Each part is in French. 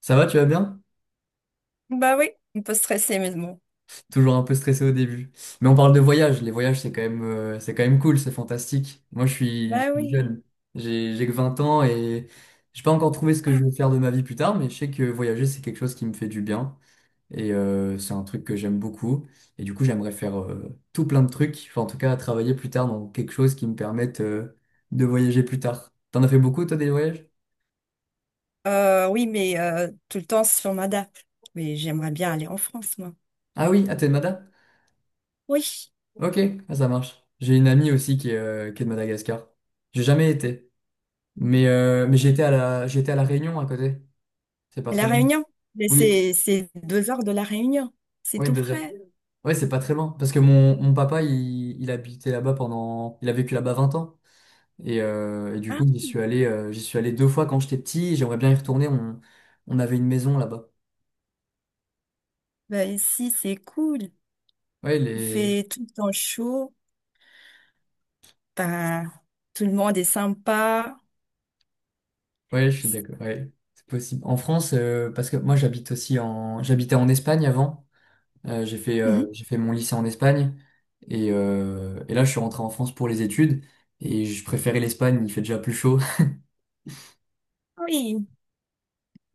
Ça va, tu vas bien? Bah oui, on peut stresser, mais bon. Toujours un peu stressé au début. Mais on parle de voyage. Les voyages, c'est quand même cool, c'est fantastique. Moi, je suis, je Bah suis oui. jeune. J'ai que 20 ans et j'ai pas encore trouvé ce que je Ah, veux faire de ma vie plus tard, mais je sais que voyager, c'est quelque chose qui me fait du bien. Et c'est un truc que j'aime beaucoup. Et du coup, j'aimerais faire tout plein de trucs. Enfin, en tout cas, travailler plus tard dans quelque chose qui me permette de voyager plus tard. T'en as fait beaucoup, toi, des voyages? Oui, mais tout le temps sur on. Mais j'aimerais bien aller en France, moi. Ah oui, à Mada? Oui, Ok, ah, ça marche. J'ai une amie aussi qui est de Madagascar. J'ai jamais été. Mais j'étais à La Réunion à côté. C'est pas La très loin. Réunion. Mais Oui, c'est 2 heures de La Réunion. C'est oui, tout 2 heures. frais. Oui, c'est pas très loin. Parce que mon papa, il habitait là-bas pendant. Il a vécu là-bas 20 ans. Et du Ah coup, oui. J'y suis allé deux fois quand j'étais petit. J'aimerais bien y retourner. On avait une maison là-bas. Bah ici, c'est cool. Ouais, Il fait tout le temps chaud. Bah, tout le monde est sympa. ouais, je suis d'accord. Ouais, c'est possible. En France, parce que moi, j'habite aussi en. j'habitais en Espagne avant. Mhm. J'ai fait mon lycée en Espagne et là je suis rentré en France pour les études et je préférais l'Espagne, il fait déjà plus chaud. Oui.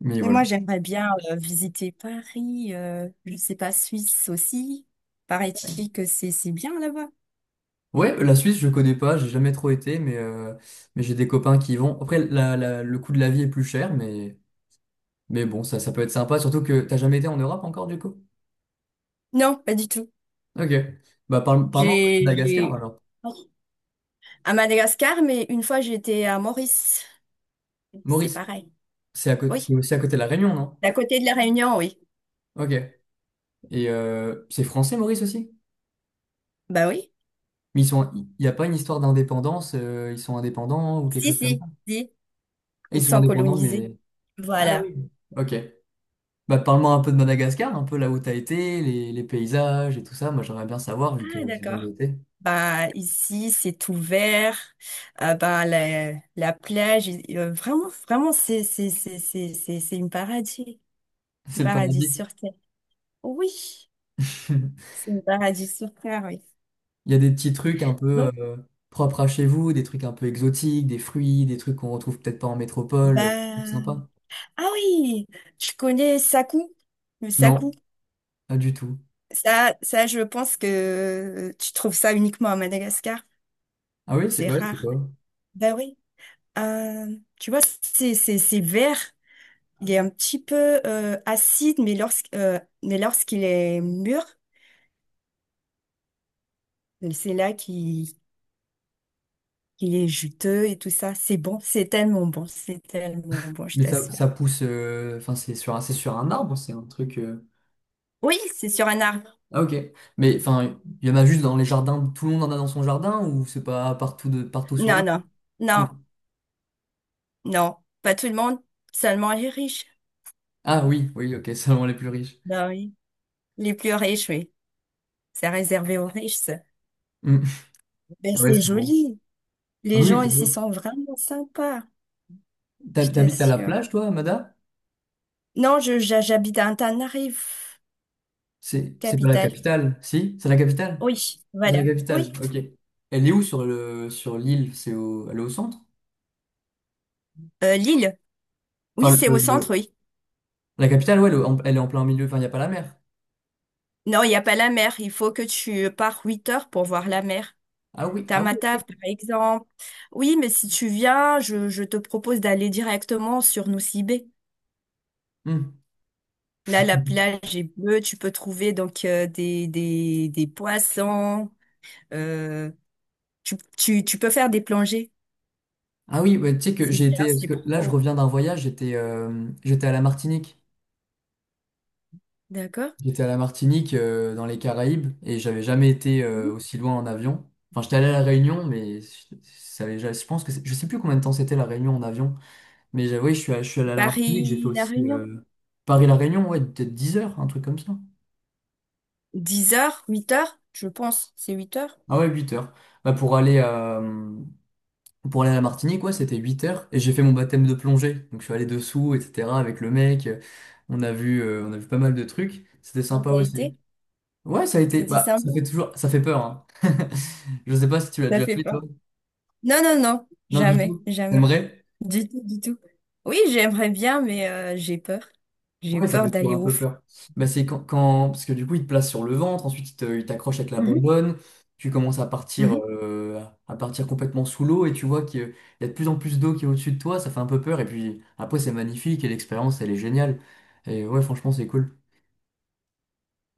Mais Mais voilà. moi, j'aimerais bien visiter Paris. Je sais pas, Suisse aussi. Paraît-il que c'est bien là-bas. Ouais, la Suisse je connais pas, j'ai jamais trop été, mais j'ai des copains qui y vont. Après le coût de la vie est plus cher, mais bon, ça peut être sympa, surtout que t'as jamais été en Europe encore du coup? Non, pas du tout. Ok. Bah parle, parle de J'ai, Madagascar j'ai... alors. À Madagascar, mais une fois j'étais à Maurice. C'est Maurice, pareil. C'est Oui. aussi à côté de la Réunion, non? D'à côté de la Réunion, oui. Ok. Et c'est français Maurice aussi? Bah oui. Mais ils sont, il n'y a pas une histoire d'indépendance, ils sont indépendants ou quelque Si, chose comme ça. si, si. Et Ils ils sont sont indépendants, colonisés. mais... Ah Voilà. oui. Ok. Bah, parle-moi un peu de Madagascar, un peu là où t'as été, les paysages et tout ça. Moi, j'aimerais bien savoir, vu que Ah, j'ai jamais d'accord. été. Bah, ici, c'est ouvert. Bah, la plage, vraiment, vraiment, c'est une paradis. Un C'est le paradis paradis. sur terre. Oui, c'est une paradis sur terre, oui. Il y a des petits trucs un peu Bon. Propres à chez vous, des trucs un peu exotiques, des fruits, des trucs qu'on retrouve peut-être pas en métropole. C'est Bah, sympa. ah oui, je connais Sakou, le Non, Sakou. pas du tout. Ça, je pense que tu trouves ça uniquement à Madagascar. Ah oui, c'est C'est ouais, c'est rare. quoi? Ben oui. Euh, tu vois, c'est c'est vert. Il est un petit peu acide, mais lorsque mais lorsqu'il est mûr, c'est là qu'il est juteux et tout ça. C'est bon, c'est tellement bon, c'est tellement bon, je Mais ça, t'assure. ça pousse, enfin, c'est sur un arbre, c'est un truc. Oui, c'est sur un arbre. Ah ok. Mais enfin, il y en a juste dans les jardins, tout le monde en a dans son jardin ou c'est pas partout de partout sur Non, l'île? non, Non. non, non. Pas tout le monde, seulement les riches. Ah oui, oui, ok, seulement les plus riches. Ben oui. Les plus riches, oui. C'est réservé aux riches. Ça. Hmm. Ben, Ouais, c'est c'est bon. joli. Les Oui, gens oui, c'est ici beau. sont vraiment sympas, je T'habites à la t'assure. plage, toi, Amada? Non, je, j'ha- J'habite à Antananarive, C'est pas la capitale. capitale, si? C'est la capitale? Oui, Ah, c'est voilà. la Oui. capitale, ok. Elle est où sur l'île? C'est au... Elle est au centre? Lille. Oui, Enfin, c'est au centre, oui. la capitale, ouais, elle est en plein milieu, enfin, il n'y a pas la mer. Non, il n'y a pas la mer. Il faut que tu pars 8 heures pour voir la mer. Ah oui, ah oui, Tamatave, par ok. exemple. Oui, mais si tu viens, je te propose d'aller directement sur Nusibé. Hmm. Là, la plage est bleue. Tu peux trouver donc des poissons. Euh, tu peux faire des plongées. Ah oui, ouais, tu sais que C'est j'ai bien, été, parce c'est que là je pro. reviens d'un voyage, j'étais à la Martinique. D'accord? J'étais à la Martinique, dans les Caraïbes, et j'avais jamais été Mhm. Aussi loin en avion. Enfin, j'étais allé à la Réunion, mais je, ça avait- ja-, je pense que je sais plus combien de temps c'était la Réunion en avion. Mais j'avoue, je suis allé à la Martinique, j'ai fait Paris, La aussi Réunion. Paris-La Réunion, ouais, peut-être 10 heures, un truc comme ça. 10 heures, 8 heures, je pense. C'est 8 heures. Ah ouais, 8 heures. Bah, pour aller à la Martinique, ouais, c'était 8 heures, et j'ai fait mon baptême de plongée. Donc je suis allé dessous, etc., avec le mec. On a vu pas mal de trucs. C'était Ça sympa ça a aussi. été? Ouais, ça a été. C'est Bah, ça décembre. fait toujours. Ça fait peur, hein. Je sais pas si tu l'as Ça déjà fait fait, pas. toi. Non, non, non. Non, du Jamais, tout. jamais. T'aimerais? Du tout, du tout. Oui, j'aimerais bien, mais j'ai peur. J'ai Ouais, ça peur fait toujours d'aller un au peu fond. peur. Bah, c'est Parce que du coup, il te place sur le ventre, ensuite, il t'accroche avec la Mhm. bonbonne. Tu commences Mhm. À partir complètement sous l'eau et tu vois qu'il y a de plus en plus d'eau qui est au-dessus de toi. Ça fait un peu peur. Et puis après, c'est magnifique et l'expérience, elle est géniale. Et ouais, franchement, c'est cool.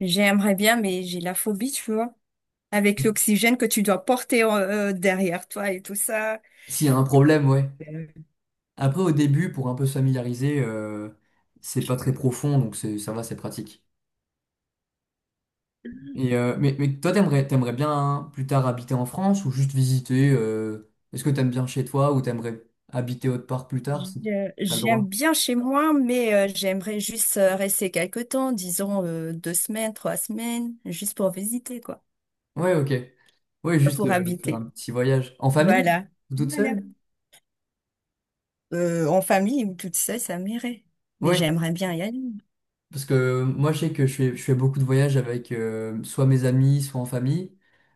J'aimerais bien, mais j'ai la phobie, tu vois. Avec l'oxygène que tu dois porter derrière toi et tout ça. S'il y a un problème, ouais. Après, au début, pour un peu se familiariser, c'est pas très profond, donc ça va, c'est pratique. Et, mais toi, t'aimerais bien plus tard habiter en France ou juste visiter est-ce que t'aimes bien chez toi ou t'aimerais habiter autre part plus tard si t'as le J'aime droit? bien chez moi, mais j'aimerais juste rester quelque temps, disons 2 semaines, 3 semaines, juste pour visiter, quoi, Ouais, ok. Ouais, juste pour faire un habiter. petit voyage. En famille? Voilà. Ou toute Voilà. seule? En famille ou toute seule, ça m'irait. Mais Oui. j'aimerais bien y aller. Parce que moi, je sais que je fais beaucoup de voyages avec soit mes amis, soit en famille.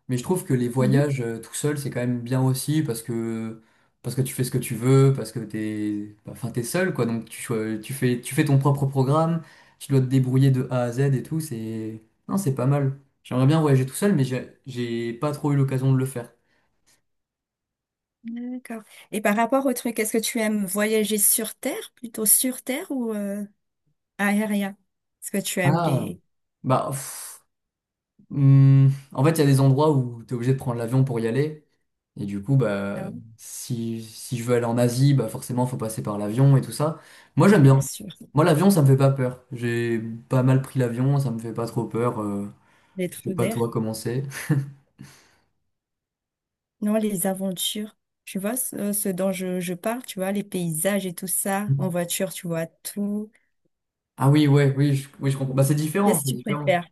Mais je trouve que les Mhm. voyages tout seul, c'est quand même bien aussi, parce que tu fais ce que tu veux, parce que t'es, bah, enfin, t'es seul, quoi. Donc, tu fais ton propre programme, tu dois te débrouiller de A à Z et tout. C'est, non, c'est pas mal. J'aimerais bien voyager tout seul, mais j'ai pas trop eu l'occasion de le faire. D'accord. Et par rapport au truc, est-ce que tu aimes voyager sur Terre, plutôt sur Terre ou aérien? Est-ce que tu aimes Ah, les... bah, pff, en fait, il y a des endroits où tu es obligé de prendre l'avion pour y aller. Et du coup, bah, Ah oui, si je veux aller en Asie, bah forcément, faut passer par l'avion et tout ça. Moi, j'aime bien bien. sûr. Moi, l'avion, ça me fait pas peur. J'ai pas mal pris l'avion, ça me fait pas trop peur. Les Je trous sais pas d'air. toi comment c'est. Non, les aventures, tu vois, ce dont je parle, tu vois, les paysages et tout ça, en voiture, tu vois tout. Ah oui, ouais, oui, oui, je comprends. Bah, c'est différent, Qu'est-ce que c'est tu différent. préfères?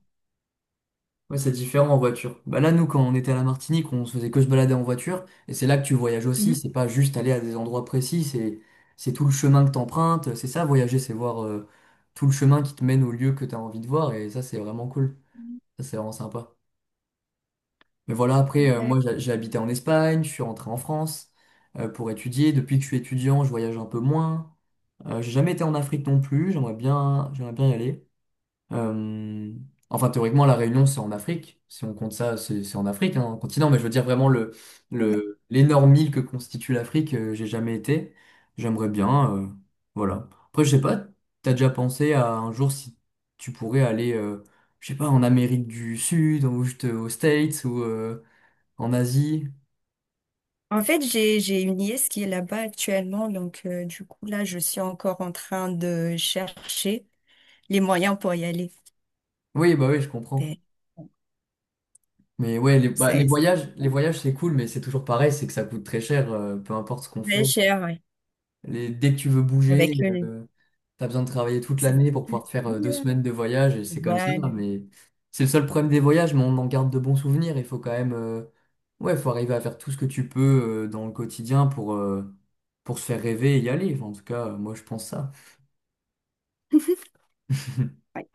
Ouais, c'est différent en voiture. Bah là, nous, quand on était à la Martinique, on se faisait que se balader en voiture. Et c'est là que tu voyages aussi. Mhm. C'est pas juste aller à des endroits précis. C'est tout le chemin que t'empruntes. C'est ça, voyager, c'est voir tout le chemin qui te mène au lieu que t'as envie de voir. Et ça, c'est vraiment cool. Ça, c'est vraiment sympa. Mais voilà, après, D'accord. moi, j'ai habité en Espagne. Je suis rentré en France pour étudier. Depuis que je suis étudiant, je voyage un peu moins. J'ai jamais été en Afrique non plus. J'aimerais bien y aller. Euh, enfin, théoriquement, la Réunion, c'est en Afrique. Si on compte ça, c'est en Afrique, hein, en continent. Mais je veux dire vraiment l'énorme île que constitue l'Afrique, j'ai jamais été. J'aimerais bien. Voilà. Après, je sais pas, t'as déjà pensé à un jour si tu pourrais aller, je sais pas, en Amérique du Sud, ou juste aux States, ou en Asie. En fait, j'ai une nièce qui est là-bas actuellement, donc du coup, là, je suis encore en train de chercher les moyens pour y aller. Oui, bah oui, je comprends. Mais bon, Mais ouais, c'est les voyages, c'est cool, mais c'est toujours pareil, c'est que ça coûte très cher, peu importe ce qu'on fait. Cher, ouais, Les- dès que tu veux bouger. avec le nez. euh, T'as besoin de travailler toute C'est- l'année pour pouvoir te faire deux Voilà. semaines de voyage, et c'est comme ça, Voilà. mais c'est le seul problème des voyages, mais on en garde de bons souvenirs. Il faut quand même, ouais, faut arriver à faire tout ce que tu peux dans le quotidien pour se faire rêver et y aller. Enfin, en tout cas, moi, je pense ça. Ouais.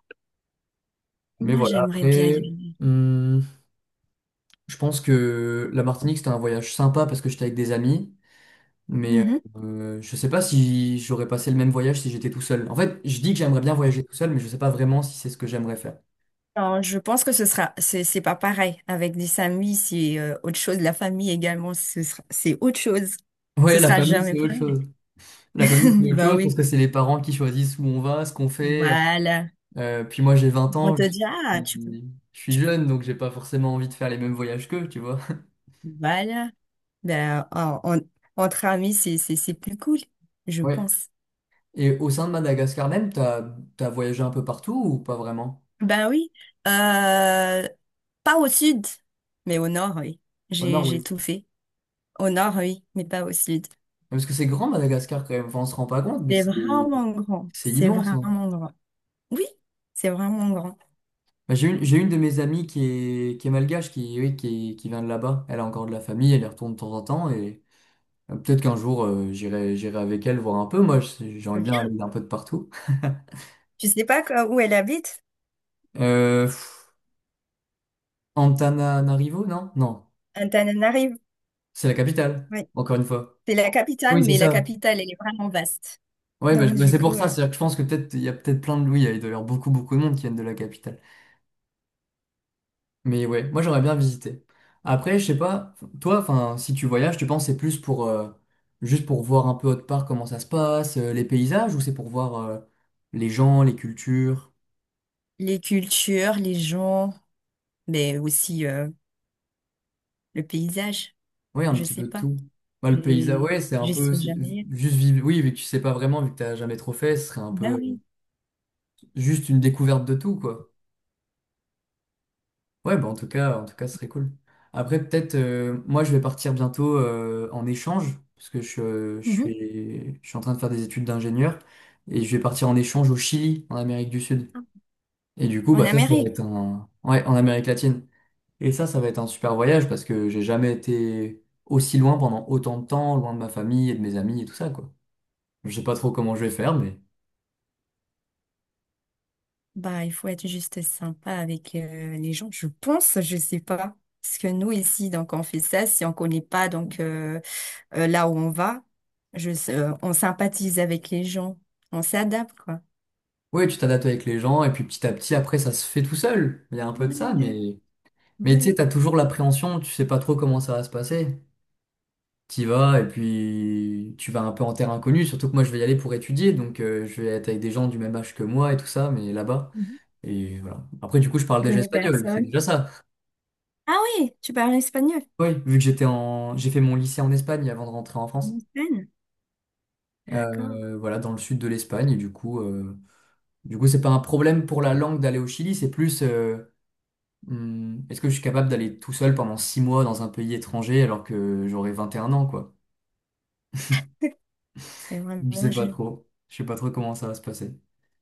Mais Moi, voilà, j'aimerais bien y après, aller. hum, je pense que la Martinique, c'était un voyage sympa parce que j'étais avec des amis, mais Mhm. Je sais pas si j'aurais passé le même voyage si j'étais tout seul. En fait, je dis que j'aimerais bien voyager tout seul, mais je sais pas vraiment si c'est ce que j'aimerais faire. Non, je pense que ce sera, c'est pas pareil. Avec des amis, c'est autre chose. La famille également, ce sera, c'est autre chose. Ouais, Ce la sera famille, jamais c'est autre chose. pareil. La famille, c'est autre Bah chose parce oui. que c'est les parents qui choisissent où on va, ce qu'on fait. Voilà. Puis moi, j'ai 20 On ans, te dit, ah, suis, tu peux. je suis jeune, donc j'ai pas forcément envie de faire les mêmes voyages qu'eux, tu vois. Voilà. Ben, entre amis, c'est plus cool, je Ouais. pense. Et au sein de Madagascar même, t'as voyagé un peu partout ou pas vraiment? Ben oui. Euh, pas au sud, mais au nord, oui. Au nord, J'ai oui. tout fait. Au nord, oui, mais pas au sud. Parce que c'est grand Madagascar quand même, enfin, on se rend pas compte, mais C'est vraiment grand. c'est C'est immense, hein. vraiment grand. Oui, c'est vraiment grand. Bah, j'ai une de mes amies qui est malgache, oui, qui vient de là-bas. Elle a encore de la famille, elle y retourne de temps en temps et peut-être qu'un jour, j'irai avec elle voir un peu. Moi, j'aimerais bien aller un peu de partout. Je sais pas quoi- où elle habite, Pff, Antananarivo, non? Non. Antananarive. C'est la capitale, Oui. encore une fois. C'est la Oui, capitale, c'est mais la ça. capitale, elle est vraiment vaste. Ouais, bah, Donc, bah, du c'est coup, pour ça. C'est-à-dire que je pense que peut-être il y a peut-être plein de. Oui, il doit y avoir beaucoup, beaucoup de monde qui viennent de la capitale. Mais ouais, moi j'aimerais bien visiter. Après, je sais pas, toi, enfin, si tu voyages, tu penses que c'est plus pour juste pour voir un peu autre part comment ça se passe, les paysages, ou c'est pour voir les gens, les cultures? les cultures, les gens, mais aussi le paysage, Oui, un je petit sais peu de pas. tout. Bah, le paysage, J'ai- ouais, c'est un Je peu sais jamais. juste vivre. Oui, vu que tu sais pas vraiment, vu que t'as jamais trop fait, ce serait un Ben peu. oui. Juste une découverte de tout, quoi. Ouais, bah en tout cas, ce serait cool. Après, peut-être, moi, je vais partir bientôt en échange, parce que Mhm. Je suis en train de faire des études d'ingénieur, et je vais partir en échange au Chili, en Amérique du Sud. Et du coup, En bah ça va être Amérique, un... Ouais, en Amérique latine. Et ça va être un super voyage, parce que j'ai jamais été aussi loin pendant autant de temps, loin de ma famille et de mes amis et tout ça, quoi. Je sais pas trop comment je vais faire, mais... bah, il faut être juste sympa avec les gens, je pense, je sais pas. Parce que nous, ici, donc, on fait ça si on connaît pas, donc, là où on va, on sympathise avec les gens, on s'adapte, quoi. Ouais, tu t'adaptes avec les gens, et puis petit à petit, après, ça se fait tout seul. Il y a un peu de ça, Vaya, mais... Mais tu sais, vaya. t'as toujours l'appréhension, tu sais pas trop comment ça va se passer. T'y vas et puis tu vas un peu en terre inconnue, surtout que moi je vais y aller pour étudier, donc je vais être avec des gens du même âge que moi et tout ça, mais là-bas. Mhm. Et voilà. Après, du coup, je parle Je déjà connais espagnol, c'est personne. déjà ça. Ah oui, tu parles espagnol. Oui, vu que j'ai fait mon lycée en Espagne avant de rentrer en France. En Espagne. D'accord. Voilà, dans le sud de l'Espagne, et du coup, c'est pas un problème pour la langue d'aller au Chili, c'est plus est-ce que je suis capable d'aller tout seul pendant 6 mois dans un pays étranger alors que j'aurai 21 ans, quoi. Et Je vraiment, sais je, pas trop. Je sais pas trop comment ça va se passer.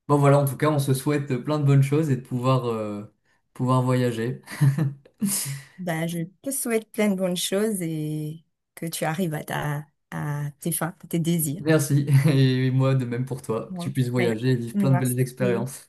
Bon voilà, en tout cas, on se souhaite plein de bonnes choses et de pouvoir, pouvoir voyager. bah, je te souhaite plein de bonnes choses et que tu arrives à ta, à tes fins, à tes désirs. Merci. Et moi, de même pour toi, que tu Ouais. puisses voyager et vivre plein de belles Merci. expériences.